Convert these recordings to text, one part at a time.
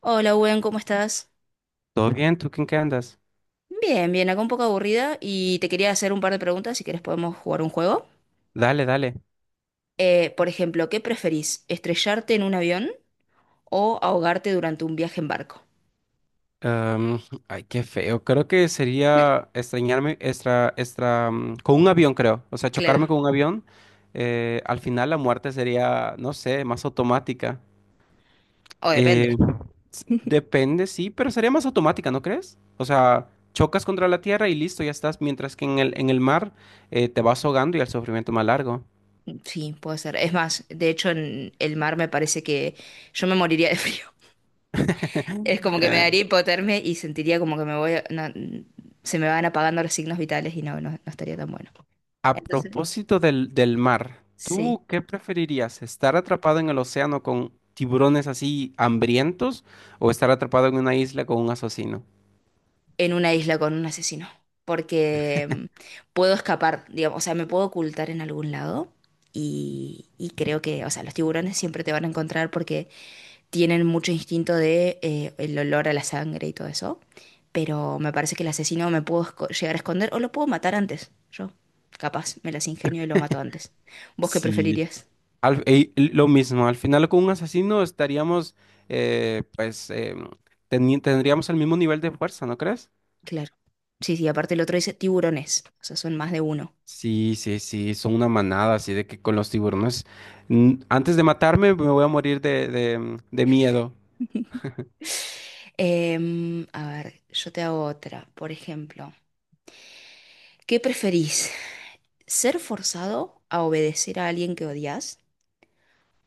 Hola, Gwen, ¿cómo estás? Todo bien, ¿tú en qué andas? Bien, bien, acá un poco aburrida y te quería hacer un par de preguntas, si quieres, podemos jugar un juego. Dale, dale. Por ejemplo, ¿qué preferís? ¿Estrellarte en un avión o ahogarte durante un viaje en barco? Am, ay, qué feo. Creo que sería extrañarme extra, extra, con un avión, creo. O sea, Claro, chocarme con un avión. Al final la muerte sería, no sé, más automática. o depende. Eh, Depende, sí, pero sería más automática, ¿no crees? O sea, chocas contra la tierra y listo, ya estás. Mientras que en el mar te vas ahogando y el sufrimiento es más largo. Sí, puede ser. Es más, de hecho en el mar me parece que yo me moriría de frío. Es como que me daría hipotermia y sentiría como que me voy, no, se me van apagando los signos vitales y no, no, no estaría tan bueno. A Entonces, propósito del mar, sí. ¿tú qué preferirías? ¿Estar atrapado en el océano con tiburones así hambrientos o estar atrapado en una isla con un asesino? En una isla con un asesino, porque puedo escapar, digamos, o sea, me puedo ocultar en algún lado y creo que, o sea, los tiburones siempre te van a encontrar porque tienen mucho instinto de el olor a la sangre y todo eso, pero me parece que el asesino me puedo esco- llegar a esconder o lo puedo matar antes, yo, capaz, me las ingenio y lo mato antes. ¿Vos qué Sí, preferirías? Lo mismo, al final con un asesino estaríamos, eh, pues, em, tendríamos el mismo nivel de fuerza, ¿no crees? Claro. Sí, sí, aparte el otro dice tiburones, o sea, son más de uno. Sí, sí, sí, son una manada, así de que con los tiburones, antes de matarme me voy a morir de miedo. A ver, yo te hago otra. Por ejemplo, ¿qué preferís? ¿Ser forzado a obedecer a alguien que odias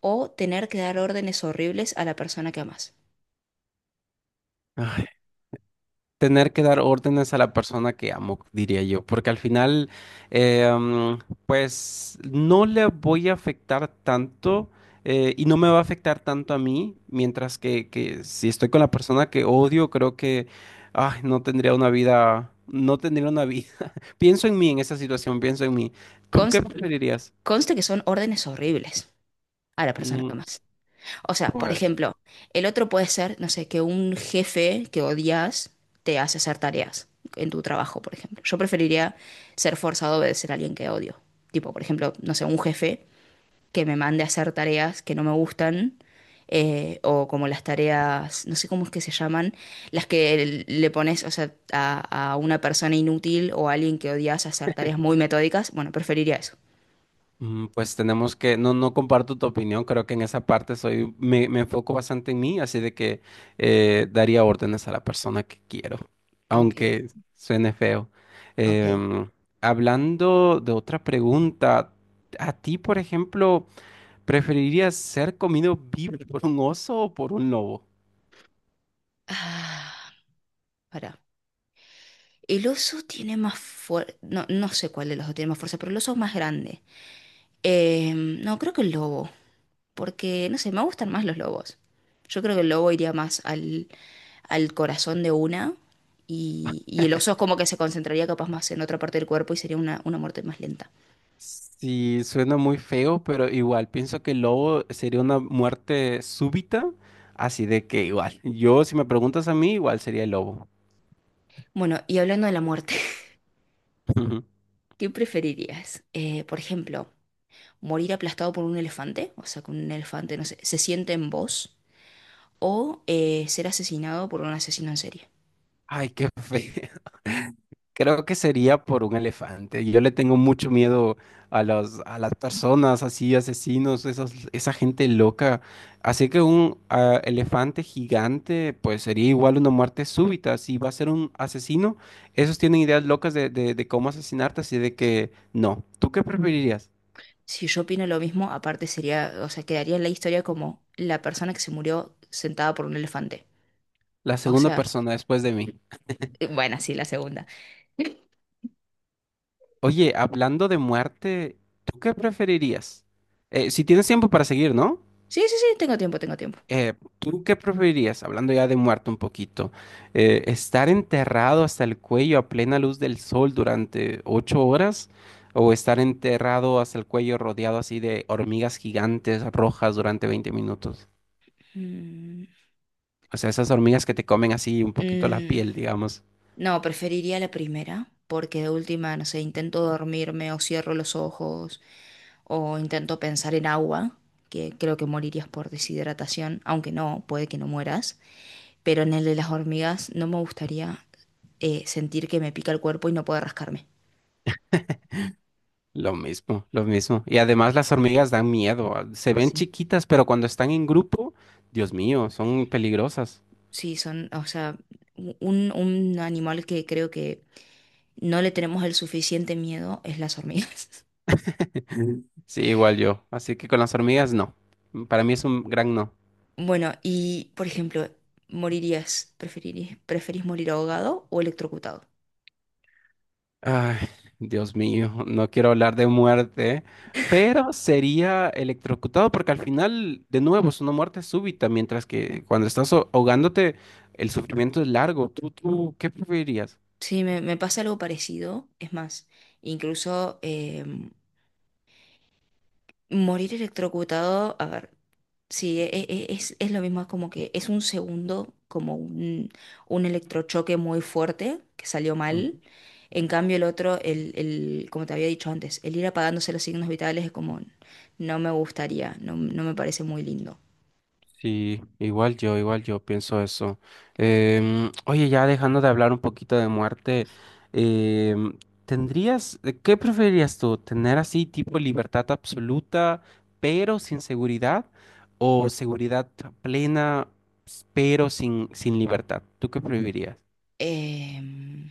o tener que dar órdenes horribles a la persona que amas? Tener que dar órdenes a la persona que amo, diría yo, porque al final, eh, mm, pues no le voy a afectar tanto y no me va a afectar tanto a mí, mientras que si estoy con la persona que odio, creo que, ay, no tendría una vida, no tendría una vida. Pienso en mí en esa situación, pienso en mí. ¿Tú qué Cons- preferirías? Conste que son órdenes horribles a la persona que Mm, amas. O sea, por pues. ejemplo, el otro puede ser, no sé, que un jefe que odias te hace hacer tareas en tu trabajo, por ejemplo. Yo preferiría ser forzado a obedecer a alguien que odio. Tipo, por ejemplo, no sé, un jefe que me mande a hacer tareas que no me gustan, o como las tareas, no sé cómo es que se llaman, las que le pones, o sea, a una persona inútil o a alguien que odias a hacer tareas muy metódicas, bueno, preferiría eso. Mm, pues tenemos que, no, no comparto tu opinión, creo que en esa parte soy, me enfoco bastante en mí, así de que daría órdenes a la persona que quiero, Ok, aunque suene feo. ok. Em, Hablando de otra pregunta, ¿a ti, por ejemplo, preferirías ser comido vivo por un oso o por un lobo? Ah, pará. El oso tiene más fuerza. No, no sé cuál de los dos tiene más fuerza, pero el oso es más grande. No, creo que el lobo. Porque, no sé, me gustan más los lobos. Yo creo que el lobo iría más al, al corazón de una y el oso es como que se concentraría capaz más en otra parte del cuerpo y sería una muerte más lenta. Sí, suena muy feo, pero igual pienso que el lobo sería una muerte súbita, así de que igual, yo si me preguntas a mí, igual sería el lobo. Bueno, y hablando de la muerte, Ujú. ¿qué preferirías? Por ejemplo, morir aplastado por un elefante, o sea, que un elefante, no sé, se siente en vos, o ser asesinado por un asesino en serie. Ay, qué feo. Creo que sería por un elefante. Yo le tengo mucho miedo a a las personas así, asesinos, esa gente loca. Así que un elefante gigante, pues sería igual una muerte súbita. Si va a ser un asesino, esos tienen ideas locas de cómo asesinarte, así de Sí. que no. ¿Tú qué preferirías? Si yo opino lo mismo, aparte sería, o sea, quedaría en la historia como la persona que se murió sentada por un elefante. La O segunda sea, persona después de mí. Bueno, sí, la segunda. Oye, hablando de muerte, ¿tú qué preferirías? Si tienes tiempo para seguir, ¿no? Sí, sí, sí, tengo tiempo, tengo tiempo. ¿Tú qué preferirías, hablando ya de muerto un poquito, estar enterrado hasta el cuello a plena luz del sol durante 8 horas o estar enterrado hasta el cuello rodeado así de hormigas gigantes rojas durante 20 minutos? Mm, O sea, esas hormigas que te comen así un poquito la Mm, piel, digamos. no, preferiría la primera, porque de última, no sé, intento dormirme o cierro los ojos o intento pensar en agua, que creo que morirías por deshidratación, aunque no, puede que no mueras, pero en el de las hormigas no me gustaría sentir que me pica el cuerpo y no poder rascarme. Lo mismo, lo mismo. Y además las hormigas dan miedo. Se ven Sí, chiquitas, pero cuando están en grupo, Dios mío, son peligrosas. sí, son, o sea, un animal que creo que no le tenemos el suficiente miedo es las hormigas. Sí, igual yo. Así que con las hormigas, no. Para mí es un gran no. Bueno, y por ejemplo, preferís morir ahogado o electrocutado? Ay, Dios mío, no quiero hablar de muerte, pero sería electrocutado porque al final, de nuevo, es una muerte súbita, mientras ¿Eh? que cuando estás ahogándote, el sufrimiento es largo. ¿Tú ¿qué preferirías? Sí, me pasa algo parecido. Es más, incluso morir electrocutado, a ver, sí, es lo mismo, es como que es un segundo, como un electrochoque muy fuerte que salió mal. En cambio, el otro, el, como te había dicho antes, el ir apagándose los signos vitales es como, no me gustaría, no, no me parece muy lindo. Sí, igual yo pienso eso. Oye, ya dejando de hablar un poquito de muerte, em, ¿tendrías, qué preferirías tú? ¿Tener así tipo libertad absoluta, pero sin seguridad? ¿O seguridad plena, pero sin, sin libertad? ¿Tú qué preferirías? Em,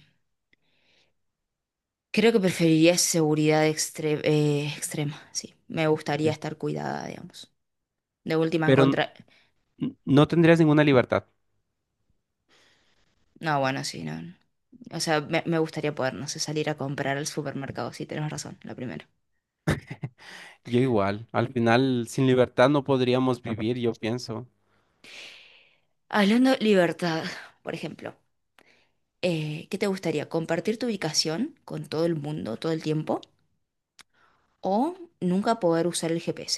Creo que preferiría extrema, sí. Me gustaría Sí. estar cuidada, digamos. De última en Pero contra... no tendrías ninguna libertad. No, bueno, sí, no. No. O sea, me gustaría poder, no sé, salir a comprar al supermercado, sí, tenés razón, la primera. Yo igual, al final sin libertad no podríamos vivir, yo pienso. Hablando de libertad, por ejemplo, ¿qué te gustaría? ¿Compartir tu ubicación con todo el mundo todo el tiempo? ¿O nunca poder usar el GPS?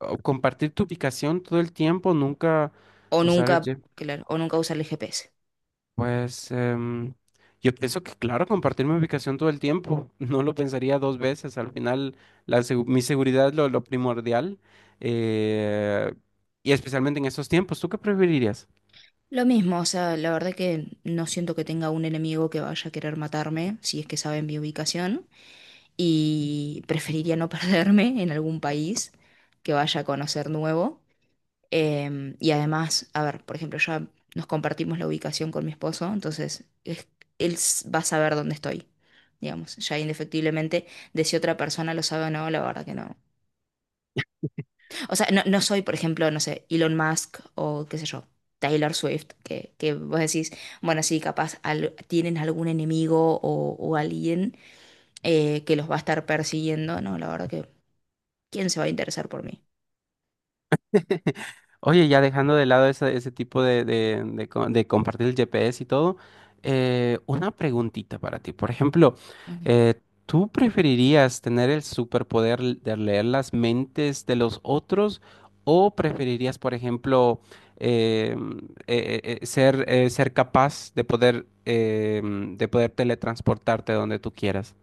O compartir tu ubicación todo el tiempo, nunca O usar nunca, el. claro, o nunca usar el GPS. Pues yo pienso que, claro, compartir mi ubicación todo el tiempo, no lo pensaría dos veces. Al final, mi seguridad es lo primordial, eh, y especialmente en estos tiempos. ¿Tú qué preferirías? Lo mismo, o sea, la verdad que no siento que tenga un enemigo que vaya a querer matarme si es que saben mi ubicación. Y preferiría no perderme en algún país que vaya a conocer nuevo. Y además, a ver, por ejemplo, ya nos compartimos la ubicación con mi esposo, entonces él va a saber dónde estoy, digamos, ya indefectiblemente, de si otra persona lo sabe o no, la verdad que no. O sea, no, no soy, por ejemplo, no sé, Elon Musk o qué sé yo. Taylor Swift, que vos decís, bueno, sí, capaz tienen algún enemigo o alguien que los va a estar persiguiendo, no, la verdad ¿quién se va a interesar por mí? Oye, ya dejando de lado ese tipo de compartir el GPS y todo, una preguntita para ti. Por ejemplo, Ok. eh, ¿tú preferirías tener el superpoder de leer las mentes de los otros o preferirías, por ejemplo, eh, mm, ser capaz de poder, de poder teletransportarte donde tú quieras?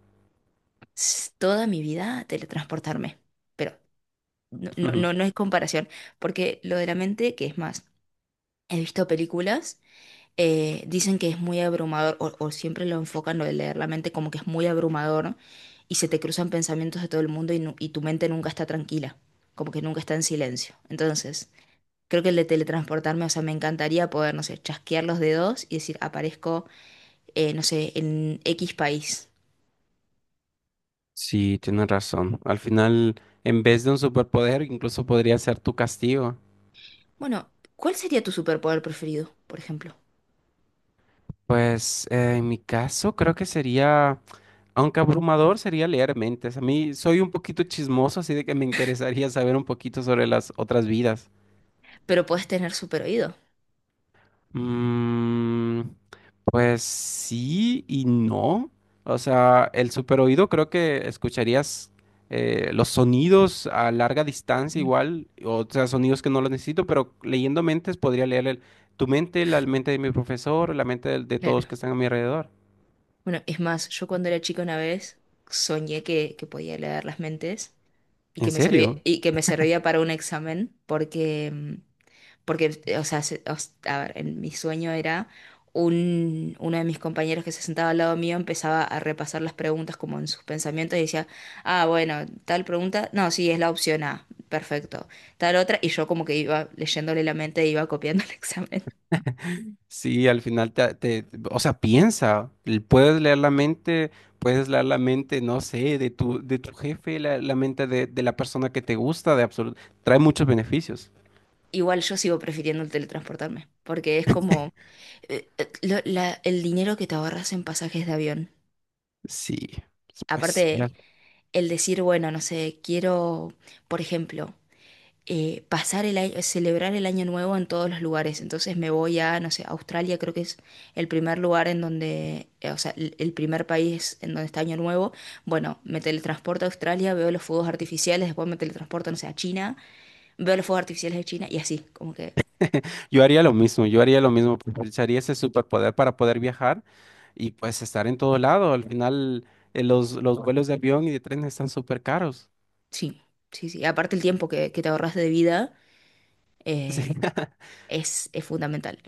Toda mi vida teletransportarme. Pero no, no, Ujú. no, no es comparación, porque lo de la mente, que es más, he visto películas, dicen que es muy abrumador, o siempre lo enfocan lo de leer la mente como que es muy abrumador, ¿no? Y se te cruzan pensamientos de todo el mundo y, y tu mente nunca está tranquila, como que nunca está en silencio. Entonces, creo que el de teletransportarme, o sea, me encantaría poder, no sé, chasquear los dedos y decir, aparezco, no sé, en X país. Sí, tienes razón. Al final, en vez de un superpoder, incluso podría ser tu castigo. Bueno, ¿cuál sería tu superpoder preferido, por ejemplo? Pues en mi caso creo que sería, aunque abrumador, sería leer mentes. A mí soy un poquito chismoso, así de que me interesaría saber un poquito sobre las otras vidas. Pero podés tener super oído. Mm, pues sí y no. O sea, el superoído creo que escucharías los sonidos a larga distancia Mm, igual, o sea, sonidos que no los necesito, pero leyendo mentes podría leer tu mente, la mente de mi profesor, la mente de claro. todos que están a mi alrededor. Bueno, es más, yo cuando era chica una vez soñé que podía leer las mentes y que ¿En me servía, serio? y que me servía para un examen porque porque, o sea, a ver, en mi sueño era un, uno de mis compañeros que se sentaba al lado mío empezaba a repasar las preguntas como en sus pensamientos y decía, ah, bueno, tal pregunta, no, sí, es la opción A, perfecto, tal otra, y yo como que iba leyéndole la mente e iba copiando el examen. Sí, al final o sea, piensa, puedes leer la mente, puedes leer la mente, no sé, de tu jefe, la mente de la persona que te gusta, de absoluto, trae muchos beneficios. Igual yo sigo prefiriendo el teletransportarme, porque es como el dinero que te ahorras en pasajes de avión. Sí, pues sí, Aparte, el decir, bueno, no sé, quiero, por ejemplo, pasar el año, celebrar el año nuevo en todos los lugares. Entonces me voy a, no sé, Australia creo que es el primer lugar en donde, o sea, el primer país en donde está año nuevo. Bueno, me teletransporto a Australia, veo los fuegos artificiales, después me teletransporto, no sé, a China, veo los fuegos artificiales de China y así, como que yo haría lo mismo, yo haría lo mismo, aprovecharía ese superpoder para poder viajar y pues estar en todo lado. Al final, los vuelos de avión y de tren están súper caros. sí, sí, sí. Aparte el tiempo que te ahorras de vida Sí. eh, es fundamental.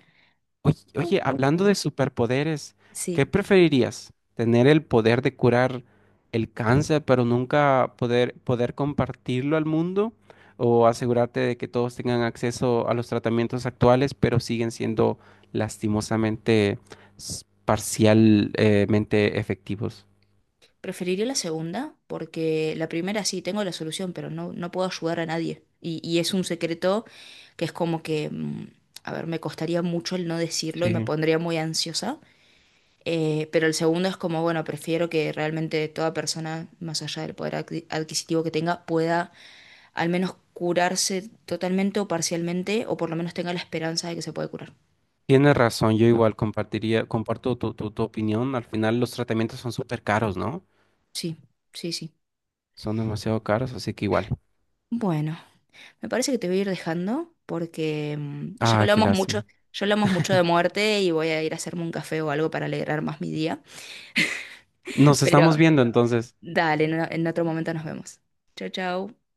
Oye, oye, hablando de superpoderes, ¿qué Sí. preferirías? ¿Tener el poder de curar el cáncer, pero nunca poder, poder compartirlo al mundo? ¿O asegurarte de que todos tengan acceso a los tratamientos actuales, pero siguen siendo lastimosamente parcialmente efectivos? Preferiría la segunda, porque la primera sí tengo la solución, pero no, no puedo ayudar a nadie. Y es un secreto que es como que, a ver, me costaría mucho el no decirlo y me Sí. pondría muy ansiosa. Pero el segundo es como, bueno, prefiero que realmente toda persona, más allá del adquisitivo que tenga, pueda al menos curarse totalmente o parcialmente, o por lo menos tenga la esperanza de que se puede curar. Tienes razón, yo igual compartiría, comparto tu, tu, tu opinión. Al final los tratamientos son súper caros, ¿no? Sí, sí, sí. Son demasiado caros, así que igual. Bueno. Me parece que te voy a ir dejando porque Ah, qué lástima. ya hablamos mucho de muerte y voy a ir a hacerme un café o algo para alegrar más mi día. Nos estamos Pero viendo entonces. dale, en otro momento nos vemos. Chau, chau.